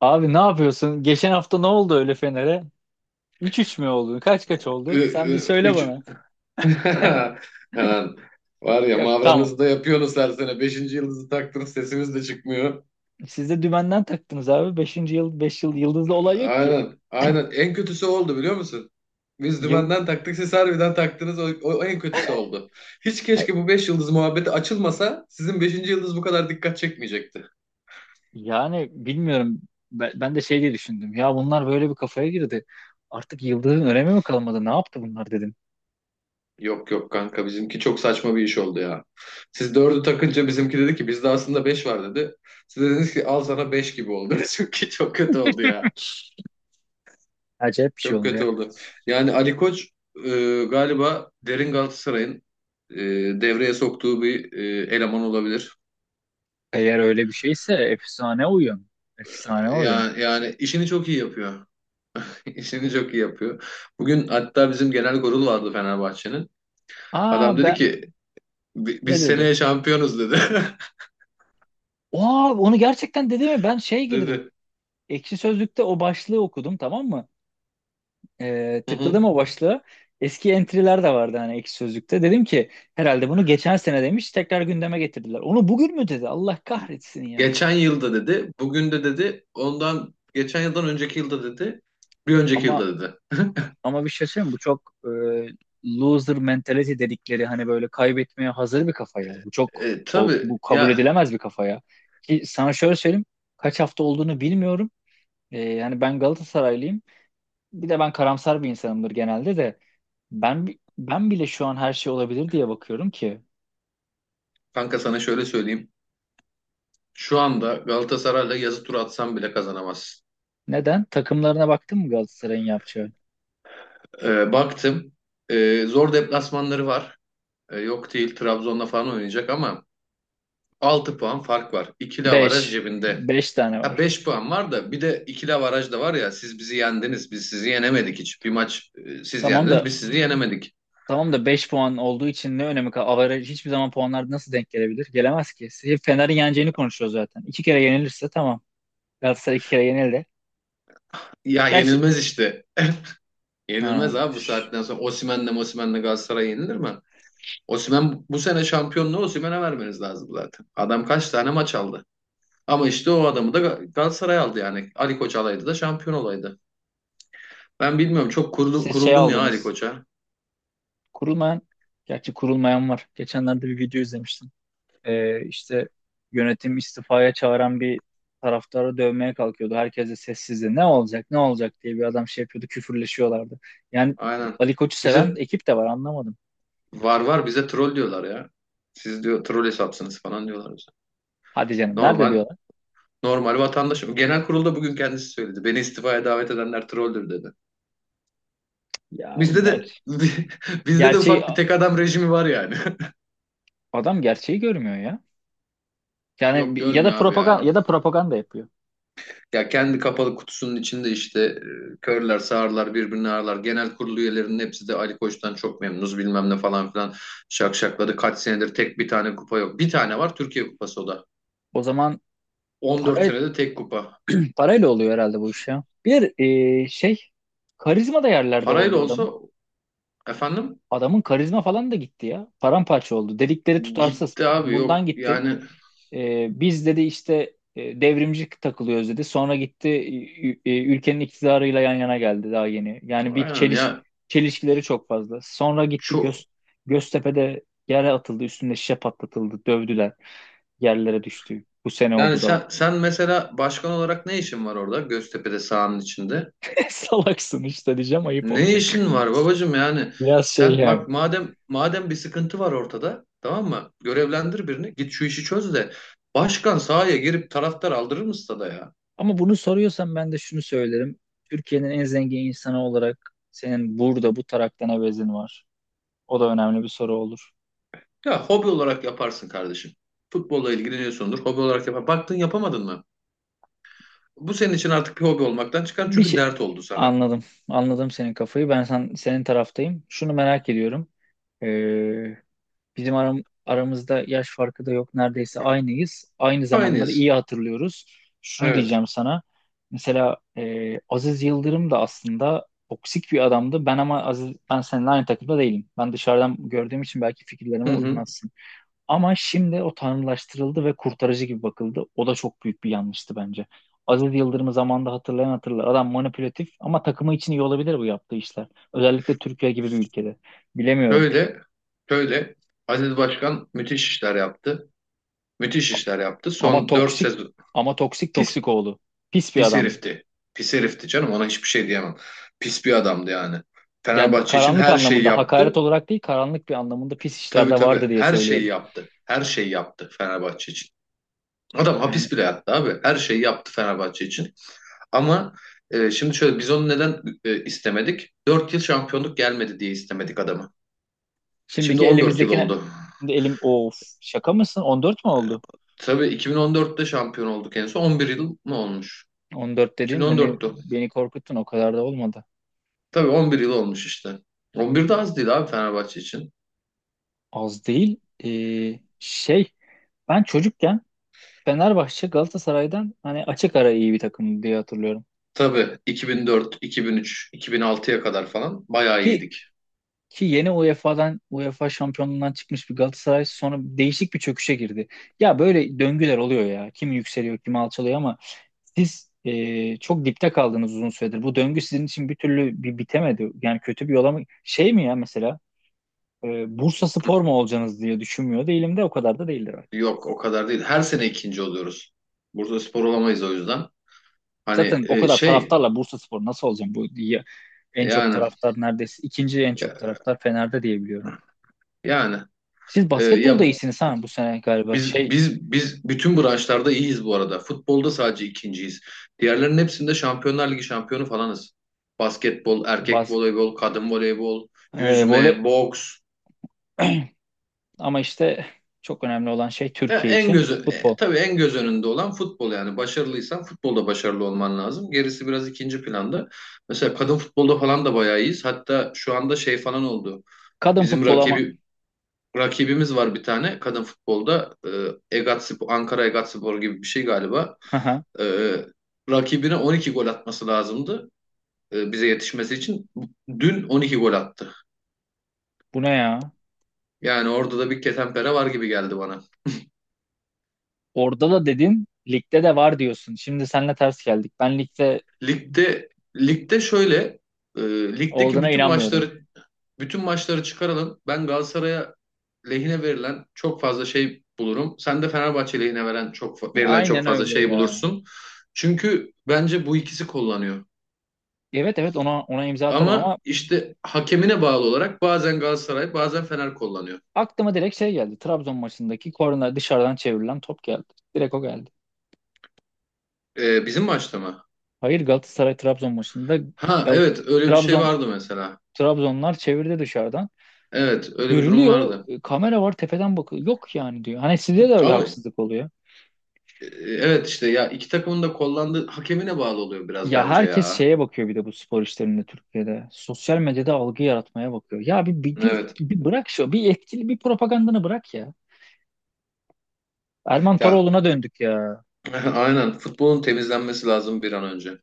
Abi ne yapıyorsun? Geçen hafta ne oldu öyle Fener'e? 3-3 mü oldu? Kaç kaç Ü- oldu? Sen bir ü- söyle Üç. bana. Hemen. Var ya, Yok, Mavranızı tamam. da yapıyorsunuz her sene. Beşinci yıldızı taktınız, sesimiz de çıkmıyor. Siz de dümenden taktınız abi. Beşinci yıl 5 yıl yıldızda olay yok ki. Aynen. Aynen. En kötüsü oldu, biliyor musun? Biz Yıl dümenden taktık, siz harbiden taktınız. O en kötüsü oldu. Hiç, Ay, keşke bu beş yıldız muhabbeti açılmasa, sizin beşinci yıldız bu kadar dikkat çekmeyecekti. yani bilmiyorum. Ben de şey diye düşündüm. Ya bunlar böyle bir kafaya girdi. Artık yıldızın önemi mi kalmadı? Ne yaptı bunlar dedim. Yok, yok kanka, bizimki çok saçma bir iş oldu ya. Siz dördü takınca, bizimki dedi ki bizde aslında beş var dedi. Siz dediniz ki al sana, beş gibi oldu. Çünkü çok kötü oldu ya. Acayip bir şey Çok oldu kötü ya. oldu. Yani Ali Koç galiba derin Galatasaray'ın e, devreye soktuğu bir eleman olabilir. Eğer öyle bir şeyse efsane oyun. Efsane oyun. Yani işini çok iyi yapıyor. İşini çok iyi yapıyor. Bugün hatta bizim genel kurul vardı Fenerbahçe'nin. Aa, Adam dedi ben ki, "Bi- ne biz dedi? seneye şampiyonuz," dedi. Aa, onu gerçekten dedi mi? Ben şey girdim, Dedi. Ekşi Sözlük'te o başlığı okudum, tamam mı? Hı hı. Tıkladım o başlığı. Eski entry'ler de vardı hani Ekşi Sözlük'te. Dedim ki herhalde bunu geçen sene demiş, tekrar gündeme getirdiler. Onu bugün mü dedi? Allah kahretsin ya. Geçen yılda dedi. Bugün de dedi. Ondan geçen yıldan önceki yılda dedi. Bir önceki yılda Ama dedi. ama bir şey söyleyeyim mi? Bu çok loser mentality dedikleri hani böyle kaybetmeye hazır bir kafa ya. Bu çok o- Tabii bu kabul ya edilemez bir kafa ya. Ki sana şöyle söyleyeyim. Kaç hafta olduğunu bilmiyorum. Yani ben Galatasaraylıyım. Bir de ben karamsar bir insanımdır genelde de. Ben bile şu an her şey olabilir diye bakıyorum ki. kanka, sana şöyle söyleyeyim. Şu anda Galatasaray'la yazı turu atsam bile kazanamazsın. Neden? Takımlarına baktın mı Galatasaray'ın yapacağı? Baktım. Zor deplasmanları var. Yok değil, Trabzon'la falan oynayacak ama 6 puan fark var. İkili avaraj Beş cebinde. beş tane Ha, var. 5 puan var da bir de ikili avaraj da var ya, siz bizi yendiniz, biz sizi yenemedik hiç. Bir maç, siz Tamam yendiniz, da biz sizi yenemedik. tamam da 5 puan olduğu için ne önemi kaldı? Average hiçbir zaman puanlar nasıl denk gelebilir? Gelemez ki. Hep Fener'in yeneceğini konuşuyor zaten. İki kere yenilirse tamam. Galatasaray iki kere yenildi. Ya Gerçi yenilmez işte. ha, Yenilmez abi, bu şş, saatten sonra. Osimhen'le Mosimhen'le Galatasaray yenilir mi? Osimhen bu sene, şampiyonluğu Osimhen'e vermeniz lazım zaten. Adam kaç tane maç aldı? Ama işte o adamı da Galatasaray aldı yani. Ali Koç alaydı da şampiyon olaydı. Ben bilmiyorum, çok siz şey kuruldum ya Ali aldınız. Koç'a. Kurulmayan Gerçi kurulmayan var. Geçenlerde bir video izlemiştim. İşte yönetim istifaya çağıran bir taraftarı dövmeye kalkıyordu. Herkes de sessizdi. Ne olacak, ne olacak diye bir adam şey yapıyordu, küfürleşiyorlardı. Yani Aynen. Ali Koç'u seven Bize ekip de var, anlamadım. var var, bize troll diyorlar ya. Siz, diyor, troll hesapsınız falan diyorlar bize. Hadi canım, nerede Normal diyorlar? normal vatandaşım. Genel kurulda bugün kendisi söyledi. Beni istifaya davet edenler trolldür dedi. Ya Bizde de ger bizde de gerçeği ufak bir tek adam rejimi var yani. adam gerçeği görmüyor ya. Yani Yok, ya da görmüyor abi propaganda ya. ya da propaganda yapıyor. Ya kendi kapalı kutusunun içinde işte, körler, sağırlar, birbirini ağırlar. Genel kurulu üyelerinin hepsi de Ali Koç'tan çok memnunuz bilmem ne falan filan şakşakladı. Kaç senedir tek bir tane kupa yok. Bir tane var, Türkiye Kupası, o da. O zaman 14 para senede tek kupa. parayla oluyor herhalde bu iş ya. Bir e, şey Karizma da yerlerde Parayla oldu adamın. olsa efendim, Adamın karizma falan da gitti ya. Paramparça oldu. Dedikleri tutarsız. gitti abi, yok. Bundan gitti. Yani Biz dedi işte devrimci takılıyoruz dedi. Sonra gitti ülkenin iktidarıyla yan yana geldi daha yeni. Yani bir aynen çeliş ya, çelişkileri çok fazla. Sonra gitti çok. Göztepe'de yere atıldı, üstünde şişe patlatıldı, dövdüler, yerlere düştü. Bu sene Yani oldu da sen mesela başkan olarak ne işin var orada, Göztepe'de, sahanın içinde? salaksın işte diyeceğim, ayıp Ne olacak. işin var babacığım? Yani Biraz şey sen yani. bak, madem bir sıkıntı var ortada, tamam mı? Görevlendir birini, git şu işi çöz de, başkan sahaya girip taraftar aldırır mı stada ya? Ama bunu soruyorsan ben de şunu söylerim. Türkiye'nin en zengin insanı olarak senin burada bu taraktan evezin var. O da önemli bir soru olur. Ya hobi olarak yaparsın kardeşim. Futbolla ilgileniyorsundur, hobi olarak yapar. Baktın yapamadın mı? Bu senin için artık bir hobi olmaktan çıkar, Bir çünkü şey dert oldu sana. anladım. Anladım senin kafayı. Ben senin taraftayım. Şunu merak ediyorum. Ee, Bizim aramızda yaş farkı da yok. Neredeyse aynıyız. Aynı zamanları Aynıyız. iyi hatırlıyoruz. Şunu Evet. diyeceğim sana. Mesela Aziz Yıldırım da aslında toksik bir adamdı. Ben, ama Aziz, ben seninle aynı takımda değilim. Ben dışarıdan gördüğüm için belki fikirlerime Hı hı. uymazsın. Ama şimdi o tanrılaştırıldı ve kurtarıcı gibi bakıldı. O da çok büyük bir yanlıştı bence. Aziz Yıldırım'ı zamanında hatırlayan hatırlar. Adam manipülatif, ama takımı için iyi olabilir bu yaptığı işler. Özellikle Türkiye gibi bir ülkede. Bilemiyorum. Böyle böyle Aziz Başkan müthiş işler yaptı. Müthiş işler yaptı. Ama Son 4 toksik, sezon. ama toksik, Pis toksik oğlu. Pis bir Pis adam. herifti. Pis herifti canım, ona hiçbir şey diyemem. Pis bir adamdı yani. Yani Fenerbahçe için karanlık her şeyi anlamında, hakaret yaptı. olarak değil, karanlık bir anlamında pis Tabii, işlerde vardı tabii, diye her şeyi söylüyorum. yaptı. Her şeyi yaptı Fenerbahçe için. Adam Yani hapis bile yattı abi. Her şeyi yaptı Fenerbahçe için. Ama şimdi şöyle, biz onu neden istemedik? 4 yıl şampiyonluk gelmedi diye istemedik adamı. Şimdi şimdiki 14 yıl elimizdekine oldu. şimdi elim of Şaka mısın? 14 mü oldu? Tabii 2014'te şampiyon olduk en son. 11 yıl mı olmuş? 14 dediğin beni 2014'tü. beni korkuttun, o kadar da olmadı. Tabii 11 yıl olmuş işte. 11 de az değil abi Fenerbahçe için. Az değil. Ee, şey Ben çocukken Fenerbahçe Galatasaray'dan hani açık ara iyi bir takım diye hatırlıyorum. Tabii 2004, 2003, 2006'ya kadar falan bayağı Ki iyiydik. ki yeni UEFA şampiyonluğundan çıkmış bir Galatasaray sonra değişik bir çöküşe girdi. Ya böyle döngüler oluyor ya. Kim yükseliyor, kim alçalıyor, ama siz çok dipte kaldınız uzun süredir. Bu döngü sizin için bir türlü bitemedi. Yani kötü bir yola mı, şey mi ya, mesela e, Bursa Spor mu olacaksınız diye düşünmüyor değilim de o kadar da değildir artık. Yok, o kadar değil. Her sene ikinci oluyoruz. Bursaspor olamayız o yüzden. Hani, Zaten o kadar şey, taraftarla Bursaspor nasıl olacağım bu diye, en çok yani, taraftar, neredeyse ikinci en çok ya- taraftar Fener'de diye biliyorum. yani, Siz basketbolda ya, iyisiniz ha bu sene galiba. biz Şey biz biz bütün branşlarda iyiyiz bu arada. Futbolda sadece ikinciyiz. Diğerlerinin hepsinde Şampiyonlar Ligi şampiyonu falanız. Basketbol, erkek bas voleybol, kadın voleybol, e, voley yüzme, boks. Ama işte çok önemli olan şey Ya Türkiye için futbol. tabii en göz önünde olan futbol. Yani başarılıysan futbolda başarılı olman lazım. Gerisi biraz ikinci planda. Mesela kadın futbolda falan da bayağı iyiyiz. Hatta şu anda şey falan oldu. Kadın Bizim futbol ama rakibimiz var bir tane kadın futbolda. Egatspor, Ankara Egatspor gibi bir şey galiba. aha, E, Rakibine 12 gol atması lazımdı, bize yetişmesi için. Dün 12 gol attı. bu ne ya? Yani orada da bir ketenpere var gibi geldi bana. Orada da dedin, ligde de var diyorsun. Şimdi seninle ters geldik. Ben ligde Ligde ligde şöyle, e, ligdeki olduğuna bütün inanmıyorum. maçları, bütün maçları çıkaralım. Ben Galatasaray'a lehine verilen çok fazla şey bulurum. Sen de Fenerbahçe lehine verilen çok Aynen fazla öyle şey ya. bulursun. Çünkü bence bu ikisi kullanıyor. Evet, evet, ona imza atarım Ama ama işte hakemine bağlı olarak bazen Galatasaray, bazen Fener kullanıyor. aklıma direkt şey geldi. Trabzon maçındaki korner dışarıdan çevrilen top geldi. Direkt o geldi. Bizim maçta mı? Hayır, Galatasaray Trabzon maçında Ha Gal- evet, öyle bir şey Trabzon vardı mesela. Trabzonlar çevirdi dışarıdan. Evet, öyle bir durum Görülüyor. vardı. Kamera var tepeden bakıyor. Yok yani diyor. Hani sizde de öyle Ama haksızlık oluyor. Evet, işte ya, iki takımın da kullandığı hakemine bağlı oluyor biraz Ya bence herkes ya. şeye bakıyor bir de bu spor işlerinde Türkiye'de. Sosyal medyada algı yaratmaya bakıyor. Ya bir, bir, bir, Evet. bir bırak şu. Bir etkili bir propagandanı bırak ya. Erman Ya Toroğlu'na döndük ya. aynen, futbolun temizlenmesi lazım bir an önce.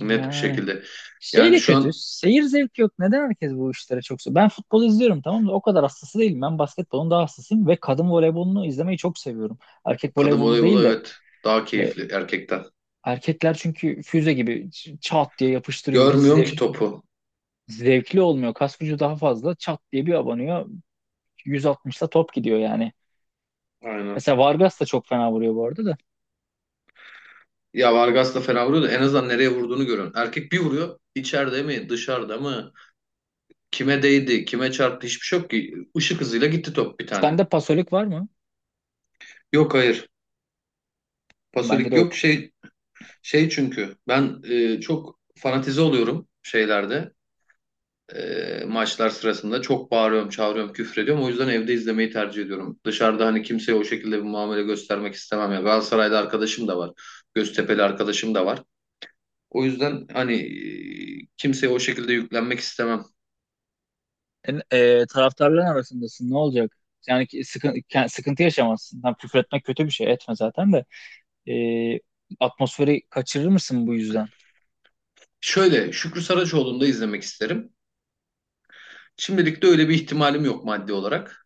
Net bir Yani. şekilde. Şey Yani de şu kötü. an Seyir zevki yok. Neden herkes bu işlere çok seviyor? Ben futbol izliyorum, tamam da o kadar hastası değilim. Ben basketbolun daha hastasıyım ve kadın voleybolunu izlemeyi çok seviyorum. Erkek kadın voleybolu değil voleybolu, de evet, daha e, keyifli erkekten. erkekler çünkü füze gibi çat diye yapıştırıyor. Hiç Görmüyorsun ki topu. zevkli olmuyor. Kas gücü daha fazla. Çat diye bir abanıyor. 160'la top gidiyor yani. Aynen. Mesela Vargas da çok fena vuruyor bu arada da. Ya Vargas da fena vuruyor da, en azından nereye vurduğunu görüyorsun. Erkek bir vuruyor. İçeride mi, dışarıda mı? Kime değdi, kime çarptı, hiçbir şey yok ki. Işık hızıyla gitti top bir tane. Sende pasolik var mı? Yok, hayır. Bende de Pasolik yok, yok. şey, çünkü ben çok fanatize oluyorum şeylerde. Maçlar sırasında çok bağırıyorum, çağırıyorum, küfrediyorum. O yüzden evde izlemeyi tercih ediyorum. Dışarıda hani kimseye o şekilde bir muamele göstermek istemem ya. Galatasaray'da arkadaşım da var. Göztepe'li arkadaşım da var. O yüzden hani, kimseye o şekilde yüklenmek istemem. Taraftarların arasındasın, ne olacak? Yani ki sıkıntı yaşamazsın. Tam küfür etmek kötü bir şey, etme zaten de. E, Atmosferi kaçırır mısın bu yüzden? Şöyle, Şükrü Saraçoğlu'nu da izlemek isterim. Şimdilik de öyle bir ihtimalim yok maddi olarak.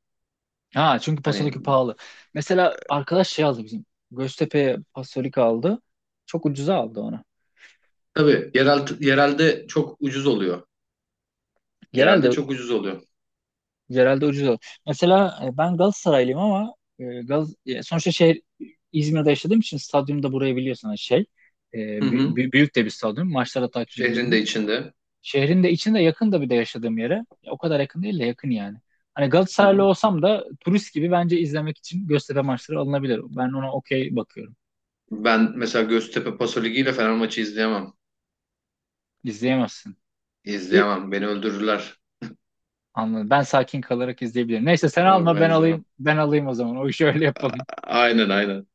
Ha, çünkü Hani, pasolik pahalı. Mesela arkadaş şey aldı bizim. Göztepe'ye pasolik aldı. Çok ucuza aldı onu. tabii, yerelde çok ucuz oluyor. Yerelde Genelde çok ucuz oluyor. genelde ucuz aldı. Mesela ben Galatasaraylıyım, ama sonuçta şehir İzmir'de yaşadığım için stadyumda, burayı biliyorsun hani şey. Hı hı. Büyük de bir stadyum. Maçlara takip Şehrin de edilebilir. içinde. Şehrin de içinde, yakın da bir de yaşadığım yere. Ya, o kadar yakın değil de yakın yani. Hani Hı Galatasaraylı hı. olsam da turist gibi bence izlemek için Göztepe maçları alınabilir. Ben ona okey bakıyorum. Ben mesela Göztepe Paso Ligi ile Fener maçı izleyemem. İzleyemezsin. İyi, İzleyemem. Beni öldürürler. anladım. Ben sakin kalarak izleyebilirim. Neyse, sen Ama alma ben ben izleyemem. alayım. Ben alayım o zaman. O işi öyle yapalım. Aynen, aynen.